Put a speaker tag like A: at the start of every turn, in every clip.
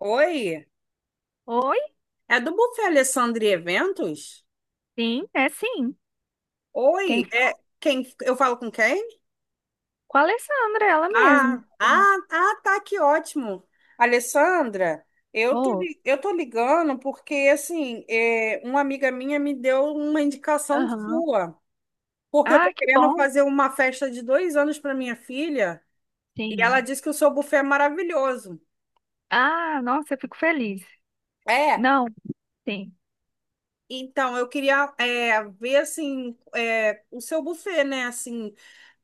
A: Oi?
B: Oi?
A: É do Buffet Alessandro e Eventos?
B: Sim, é sim. Quem?
A: Oi? É quem? Eu falo com quem?
B: Com a Alessandra, ela mesmo.
A: Ah, tá, que ótimo. Alessandra,
B: Oh,
A: eu tô ligando porque, assim, uma amiga minha me deu uma indicação
B: aham.
A: sua, porque eu tô
B: Ah, que
A: querendo
B: bom.
A: fazer uma festa de dois anos para minha filha e ela
B: Sim.
A: disse que o seu buffet é maravilhoso.
B: Ah, nossa, eu fico feliz.
A: É,
B: Não, sim.
A: então eu queria ver, assim, o seu buffet, né? Assim,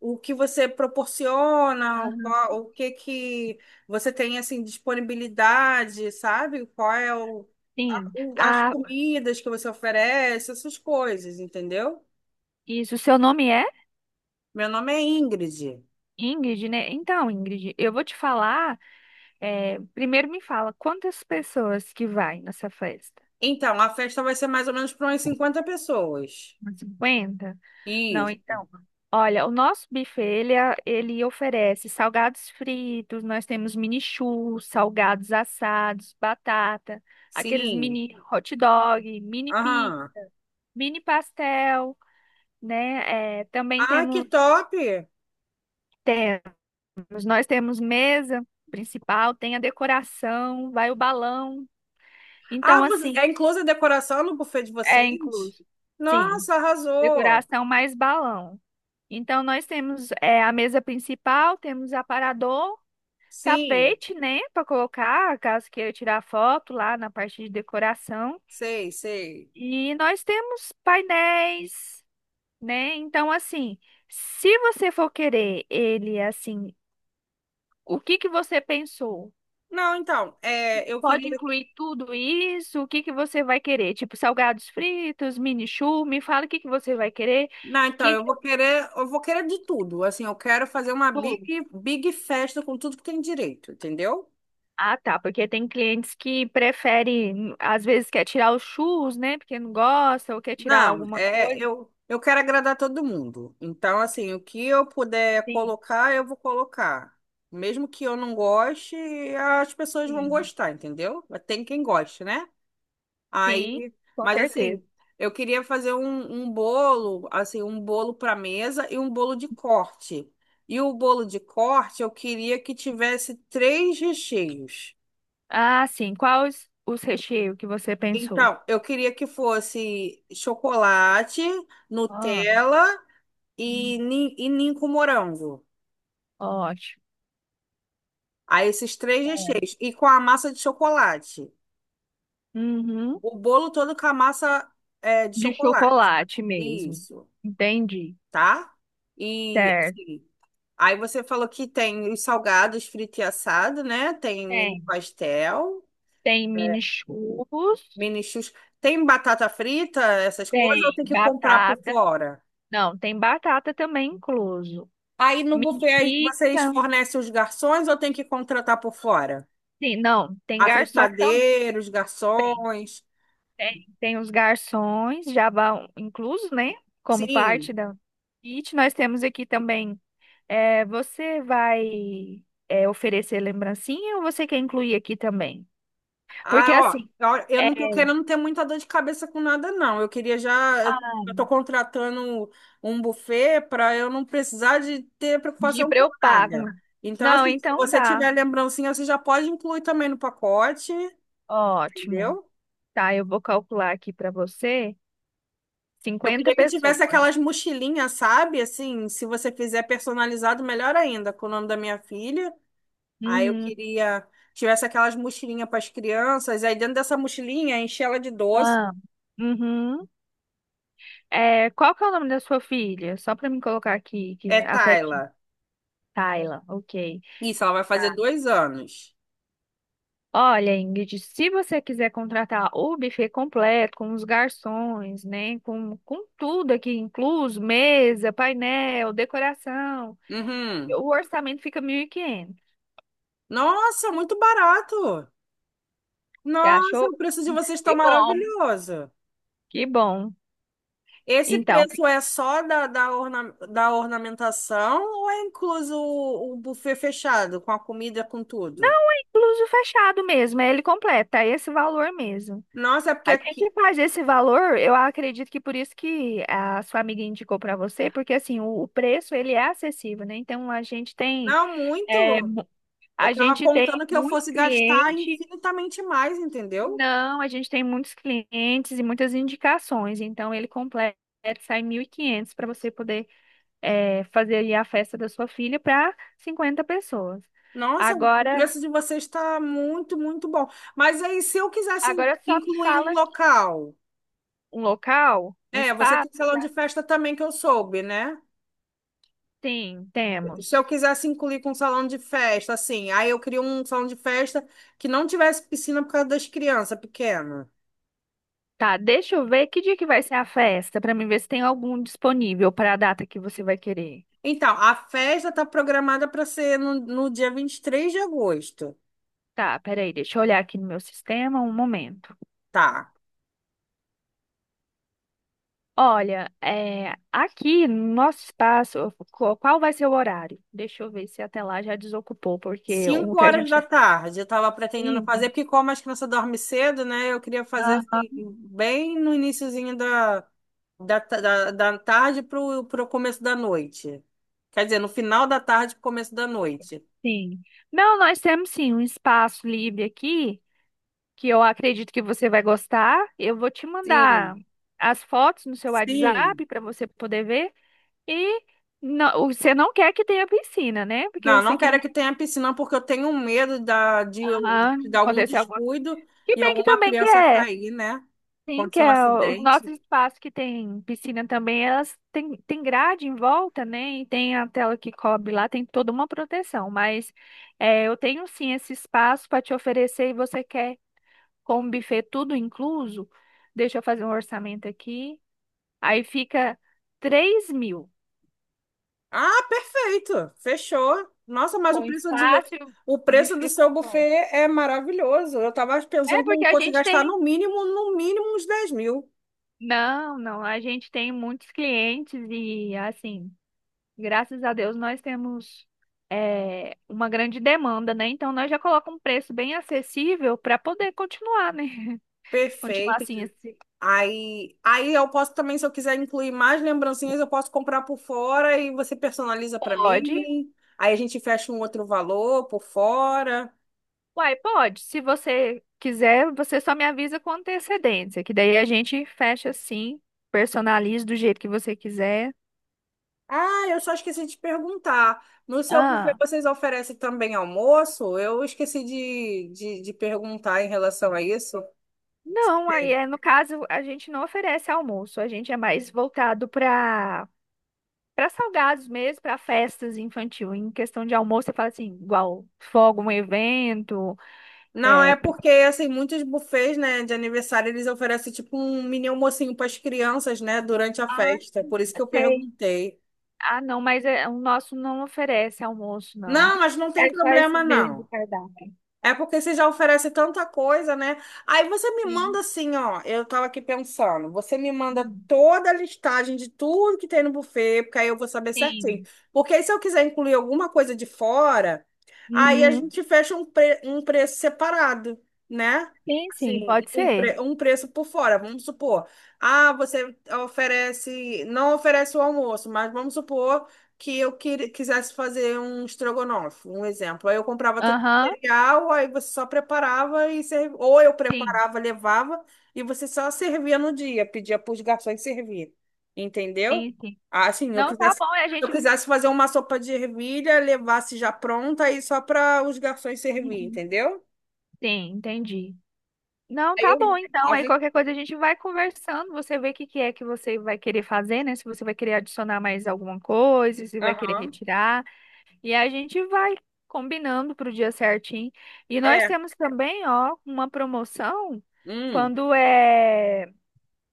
A: o que você proporciona,
B: Aham,
A: o que que você tem assim disponibilidade, sabe? Qual é
B: sim.
A: as
B: Ah,
A: comidas que você oferece, essas coisas, entendeu?
B: isso, seu nome é
A: Meu nome é Ingrid.
B: Ingrid, né? Então, Ingrid, eu vou te falar. Primeiro me fala, quantas pessoas que vai nessa festa?
A: Então, a festa vai ser mais ou menos para umas 50 pessoas.
B: Umas 50? Não,
A: Isso,
B: então. Olha, o nosso buffet, ele, ele oferece salgados fritos, nós temos mini churros, salgados assados, batata, aqueles
A: sim.
B: mini hot dog,
A: Aham.
B: mini pastel, né? Também
A: Ah, que
B: temos,
A: top!
B: temos, nós temos mesa principal, tem a decoração, vai o balão.
A: Ah,
B: Então,
A: você,
B: assim,
A: é inclusa a decoração no buffet de
B: é
A: vocês?
B: incluso. Sim,
A: Nossa, arrasou!
B: decoração mais balão. Então, nós temos a mesa principal, temos aparador,
A: Sim,
B: tapete, né, para colocar, caso queira tirar foto lá na parte de decoração.
A: sei, sei.
B: E nós temos painéis, né? Então, assim, se você for querer ele assim, o que que você pensou?
A: Não, então, é, eu
B: Pode
A: queria.
B: incluir tudo isso? O que que você vai querer? Tipo, salgados fritos, mini churro, me fala o que que você vai querer.
A: Não, então,
B: Que que eu-
A: eu vou querer de tudo. Assim, eu quero fazer uma big,
B: Tudo.
A: big festa com tudo que tem direito, entendeu?
B: Ah, tá, porque tem clientes que preferem, às vezes quer tirar os churros, né? Porque não gosta ou quer tirar
A: Não,
B: alguma coisa.
A: eu quero agradar todo mundo. Então, assim, o que eu puder
B: Sim.
A: colocar, eu vou colocar. Mesmo que eu não goste, as pessoas vão
B: Sim.
A: gostar, entendeu? Mas tem quem goste, né?
B: Sim,
A: Aí,
B: com
A: mas
B: certeza.
A: assim, eu queria fazer um bolo, assim, um bolo para mesa e um bolo de corte. E o bolo de corte, eu queria que tivesse três recheios.
B: Ah, sim. Quais os recheios que você pensou?
A: Então, eu queria que fosse chocolate,
B: Ah,
A: Nutella e,
B: hum,
A: e ninho com morango.
B: ótimo.
A: Aí, esses três
B: É.
A: recheios. E com a massa de chocolate.
B: Uhum.
A: O bolo todo com a massa, é, de
B: De
A: chocolate.
B: chocolate mesmo.
A: Isso,
B: Entendi.
A: tá? E
B: Certo.
A: assim, aí você falou que tem os salgados frito e assado, né? Tem mini
B: Tem.
A: pastel,
B: Tem mini churros.
A: mini chus. Tem batata frita, essas coisas, ou
B: Tem
A: tem que comprar por
B: batata.
A: fora?
B: Não, tem batata também incluso.
A: Aí no
B: Mini
A: buffet aí vocês
B: pizza.
A: fornecem os garçons ou tem que contratar por fora?
B: Sim, não, tem
A: A
B: garçom também.
A: fritadeira, os garçons.
B: Tem, tem os garçons já vão inclusos, né? Como parte
A: Sim.
B: da kit. Nós temos aqui também. Você vai oferecer lembrancinha ou você quer incluir aqui também? Porque
A: Ah,
B: assim,
A: ó, ó, eu não
B: é,
A: tô querendo ter muita dor de cabeça com nada, não. Eu queria já. Eu tô contratando um buffet para eu não precisar de ter preocupação
B: Gibra
A: com
B: eu pago.
A: nada. Então,
B: Não,
A: assim, se
B: então
A: você
B: tá.
A: tiver lembrancinha, você já pode incluir também no pacote,
B: Ótimo.
A: entendeu?
B: Tá, eu vou calcular aqui pra você
A: Eu
B: 50
A: queria que tivesse
B: pessoas.
A: aquelas mochilinhas, sabe? Assim, se você fizer personalizado, melhor ainda, com o nome da minha filha. Aí eu
B: Uhum.
A: queria que tivesse aquelas mochilinhas para as crianças. Aí dentro dessa mochilinha, enche ela de doce.
B: Ah. Uhum. É, qual que é o nome da sua filha? Só pra me colocar aqui, que
A: É
B: a
A: Tayla.
B: Tayla, ok.
A: Isso, ela vai fazer
B: Tá.
A: dois anos.
B: Olha, Ingrid, se você quiser contratar o buffet completo, com os garçons, né, com tudo aqui incluso, mesa, painel, decoração,
A: Uhum.
B: o orçamento fica 1.500.
A: Nossa, muito barato.
B: Você
A: Nossa, o
B: achou?
A: preço de vocês está
B: Que bom,
A: maravilhoso.
B: que bom.
A: Esse
B: Então,
A: preço é só da ornamentação ou é incluso o buffet fechado, com a comida, com tudo?
B: não é incluso fechado mesmo, é ele completo, é esse valor mesmo.
A: Nossa, é porque
B: A gente
A: aqui.
B: faz esse valor, eu acredito que por isso que a sua amiga indicou para você, porque assim, o preço ele é acessível, né? Então a gente tem
A: Não,
B: eh,
A: muito. Eu
B: a
A: estava
B: gente tem
A: contando que eu
B: muitos
A: fosse gastar
B: clientes,
A: infinitamente mais, entendeu?
B: não, a gente tem muitos clientes e muitas indicações, então ele completa, sai 1.500 para você poder fazer aí a festa da sua filha para 50 pessoas.
A: Nossa, o
B: Agora,
A: preço de vocês está muito, muito bom. Mas aí, se eu quisesse
B: agora só me
A: incluir um
B: fala
A: local.
B: um local, um
A: É, você tem
B: espaço,
A: salão
B: já
A: de festa também que eu soube, né?
B: sim,
A: Se eu
B: temos.
A: quisesse incluir com um salão de festa, assim, aí eu queria um salão de festa que não tivesse piscina por causa das crianças pequenas.
B: Tá, deixa eu ver que dia que vai ser a festa, para mim ver se tem algum disponível para a data que você vai querer.
A: Então, a festa está programada para ser no dia 23 de agosto,
B: Tá, peraí, deixa eu olhar aqui no meu sistema um momento.
A: tá?
B: Olha, é, aqui no nosso espaço, qual vai ser o horário? Deixa eu ver se até lá já desocupou, porque o
A: 5
B: que a
A: horas
B: gente
A: da tarde, eu estava pretendendo fazer,
B: tem.
A: porque como as crianças dormem cedo, né? Eu queria fazer assim,
B: Aham.
A: bem no iniciozinho da tarde para o começo da noite. Quer dizer, no final da tarde para o começo da noite.
B: Sim. Não, nós temos sim um espaço livre aqui, que eu acredito que você vai gostar. Eu vou te mandar
A: Sim,
B: as fotos no seu WhatsApp
A: sim.
B: para você poder ver. E não, você não quer que tenha piscina, né? Porque
A: Não,
B: isso
A: não
B: aqui
A: quero
B: não.
A: que tenha piscina porque eu tenho medo de
B: Aham,
A: algum
B: aconteceu alguma coisa.
A: descuido
B: Que
A: e
B: bem que
A: alguma
B: também que
A: criança
B: é.
A: cair, né?
B: Sim, que
A: Acontecer um
B: é os nossos
A: acidente.
B: espaços que tem piscina também, elas têm tem grade em volta, né? E tem a tela que cobre lá, tem toda uma proteção. Mas é, eu tenho sim esse espaço para te oferecer e você quer com o buffet tudo incluso? Deixa eu fazer um orçamento aqui. Aí fica 3.000
A: Ah, perfeito. Fechou. Nossa, mas
B: com espaço e o
A: o preço do
B: buffet
A: seu buffet
B: completo.
A: é maravilhoso. Eu estava pensando
B: É
A: que eu
B: porque a
A: fosse
B: gente tem.
A: gastar no mínimo, no mínimo uns 10 mil.
B: Não, não, a gente tem muitos clientes e assim. Graças a Deus nós temos uma grande demanda, né? Então nós já colocamos um preço bem acessível para poder continuar, né? Continuar
A: Perfeito.
B: assim, assim.
A: Aí eu posso também, se eu quiser incluir mais lembrancinhas, eu posso comprar por fora e você personaliza para
B: Pode.
A: mim. Aí a gente fecha um outro valor por fora.
B: Uai, pode. Se você quiser, você só me avisa com antecedência, que daí a gente fecha assim, personaliza do jeito que você quiser.
A: Ah, eu só esqueci de perguntar. No seu buffet
B: Ah,
A: vocês oferecem também almoço? Eu esqueci de perguntar em relação a isso.
B: não, aí é no caso a gente não oferece almoço, a gente é mais voltado para. Para salgados mesmo, para festas infantil, em questão de almoço, você fala assim, igual fogo, um evento,
A: Não,
B: é,
A: é
B: pri-
A: porque, assim, muitos buffets, né, de aniversário, eles oferecem, tipo, um mini almocinho para as crianças, né, durante a
B: ah,
A: festa. Por isso que eu
B: sei.
A: perguntei.
B: Ah, não, mas é, o nosso não oferece almoço, não.
A: Não, mas não tem
B: É só
A: problema,
B: esses mesmo do
A: não.
B: cardápio.
A: É porque você já oferece tanta coisa, né? Aí você me manda
B: Sim.
A: assim, ó. Eu tava aqui pensando. Você me manda
B: Hum,
A: toda a listagem de tudo que tem no buffet, porque aí eu vou saber certinho.
B: sim.
A: Porque aí se eu quiser incluir alguma coisa de fora, aí a
B: Uhum.
A: gente fecha um preço separado, né?
B: Sim, sim,
A: Assim,
B: pode ser.
A: um preço por fora. Vamos supor. Ah, você oferece. Não oferece o almoço, mas vamos supor que quisesse fazer um estrogonofe, um exemplo. Aí eu comprava
B: Aham.
A: cereal, aí você só preparava e servia. Ou eu
B: Sim,
A: preparava, levava, e você só servia no dia, pedia para os garçons servir. Entendeu?
B: sim, sim.
A: Assim,
B: Não, tá
A: se
B: bom, é a
A: eu
B: gente.
A: quisesse fazer uma sopa de ervilha, levasse já pronta aí só para os garçons servir,
B: Uhum.
A: entendeu?
B: Sim, entendi. Não,
A: Aí
B: tá bom,
A: eu.
B: então.
A: A
B: Aí qualquer
A: gente...
B: coisa a gente vai conversando. Você vê o que que é que você vai querer fazer, né? Se você vai querer adicionar mais alguma coisa, se vai querer
A: Aham.
B: retirar. E a gente vai combinando para o dia certinho. E nós
A: É.
B: temos também, ó, uma promoção
A: Hum.
B: quando é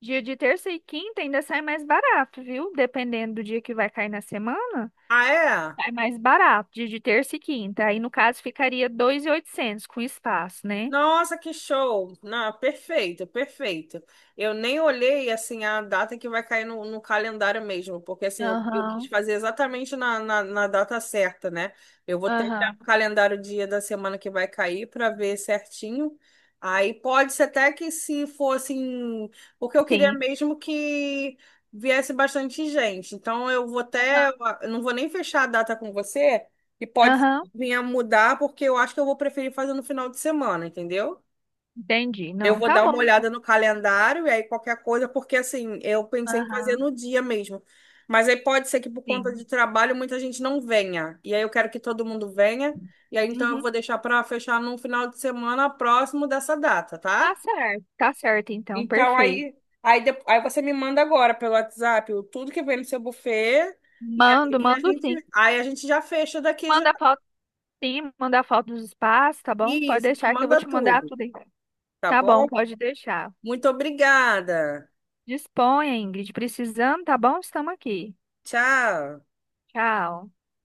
B: dia de terça e quinta, ainda sai mais barato, viu? Dependendo do dia que vai cair na semana,
A: Ah, é?
B: sai mais barato, dia de terça e quinta. Aí, no caso, ficaria 2.800 com espaço, né?
A: Nossa, que show! Não, perfeito, perfeito. Eu nem olhei assim a data que vai cair no calendário mesmo, porque assim eu quis
B: Aham,
A: fazer exatamente na data certa, né? Eu vou tentar
B: aham.
A: o calendário dia da semana que vai cair para ver certinho. Aí pode ser até que se fosse, em- porque eu queria
B: Sim.
A: mesmo que viesse bastante gente. Então eu vou até,
B: Aham,
A: eu não vou nem fechar a data com você. E pode
B: aham,
A: vinha mudar, porque eu acho que eu vou preferir fazer no final de semana, entendeu?
B: entendi.
A: Eu
B: Não,
A: vou
B: tá
A: dar uma
B: bom então.
A: olhada no calendário e aí qualquer coisa, porque assim, eu pensei em fazer
B: Aham,
A: no dia mesmo. Mas aí pode ser que por conta de
B: sim.
A: trabalho muita gente não venha. E aí eu quero que todo mundo venha. E aí então eu
B: Uhum,
A: vou deixar para fechar num final de semana próximo dessa data,
B: tá
A: tá?
B: certo, tá certo então,
A: Então
B: perfeito.
A: aí, aí você me manda agora pelo WhatsApp o tudo que vem no seu buffet. E
B: Mando,
A: aí
B: mando sim.
A: aí a gente já fecha daqui já.
B: Manda foto, sim, manda foto dos espaços, tá bom? Pode
A: Isso, me
B: deixar que eu vou
A: manda
B: te mandar
A: tudo,
B: tudo aí.
A: tá
B: Tá bom,
A: bom?
B: pode deixar.
A: Muito obrigada.
B: Disponha, Ingrid, precisando, tá bom? Estamos aqui.
A: Tchau.
B: Tchau.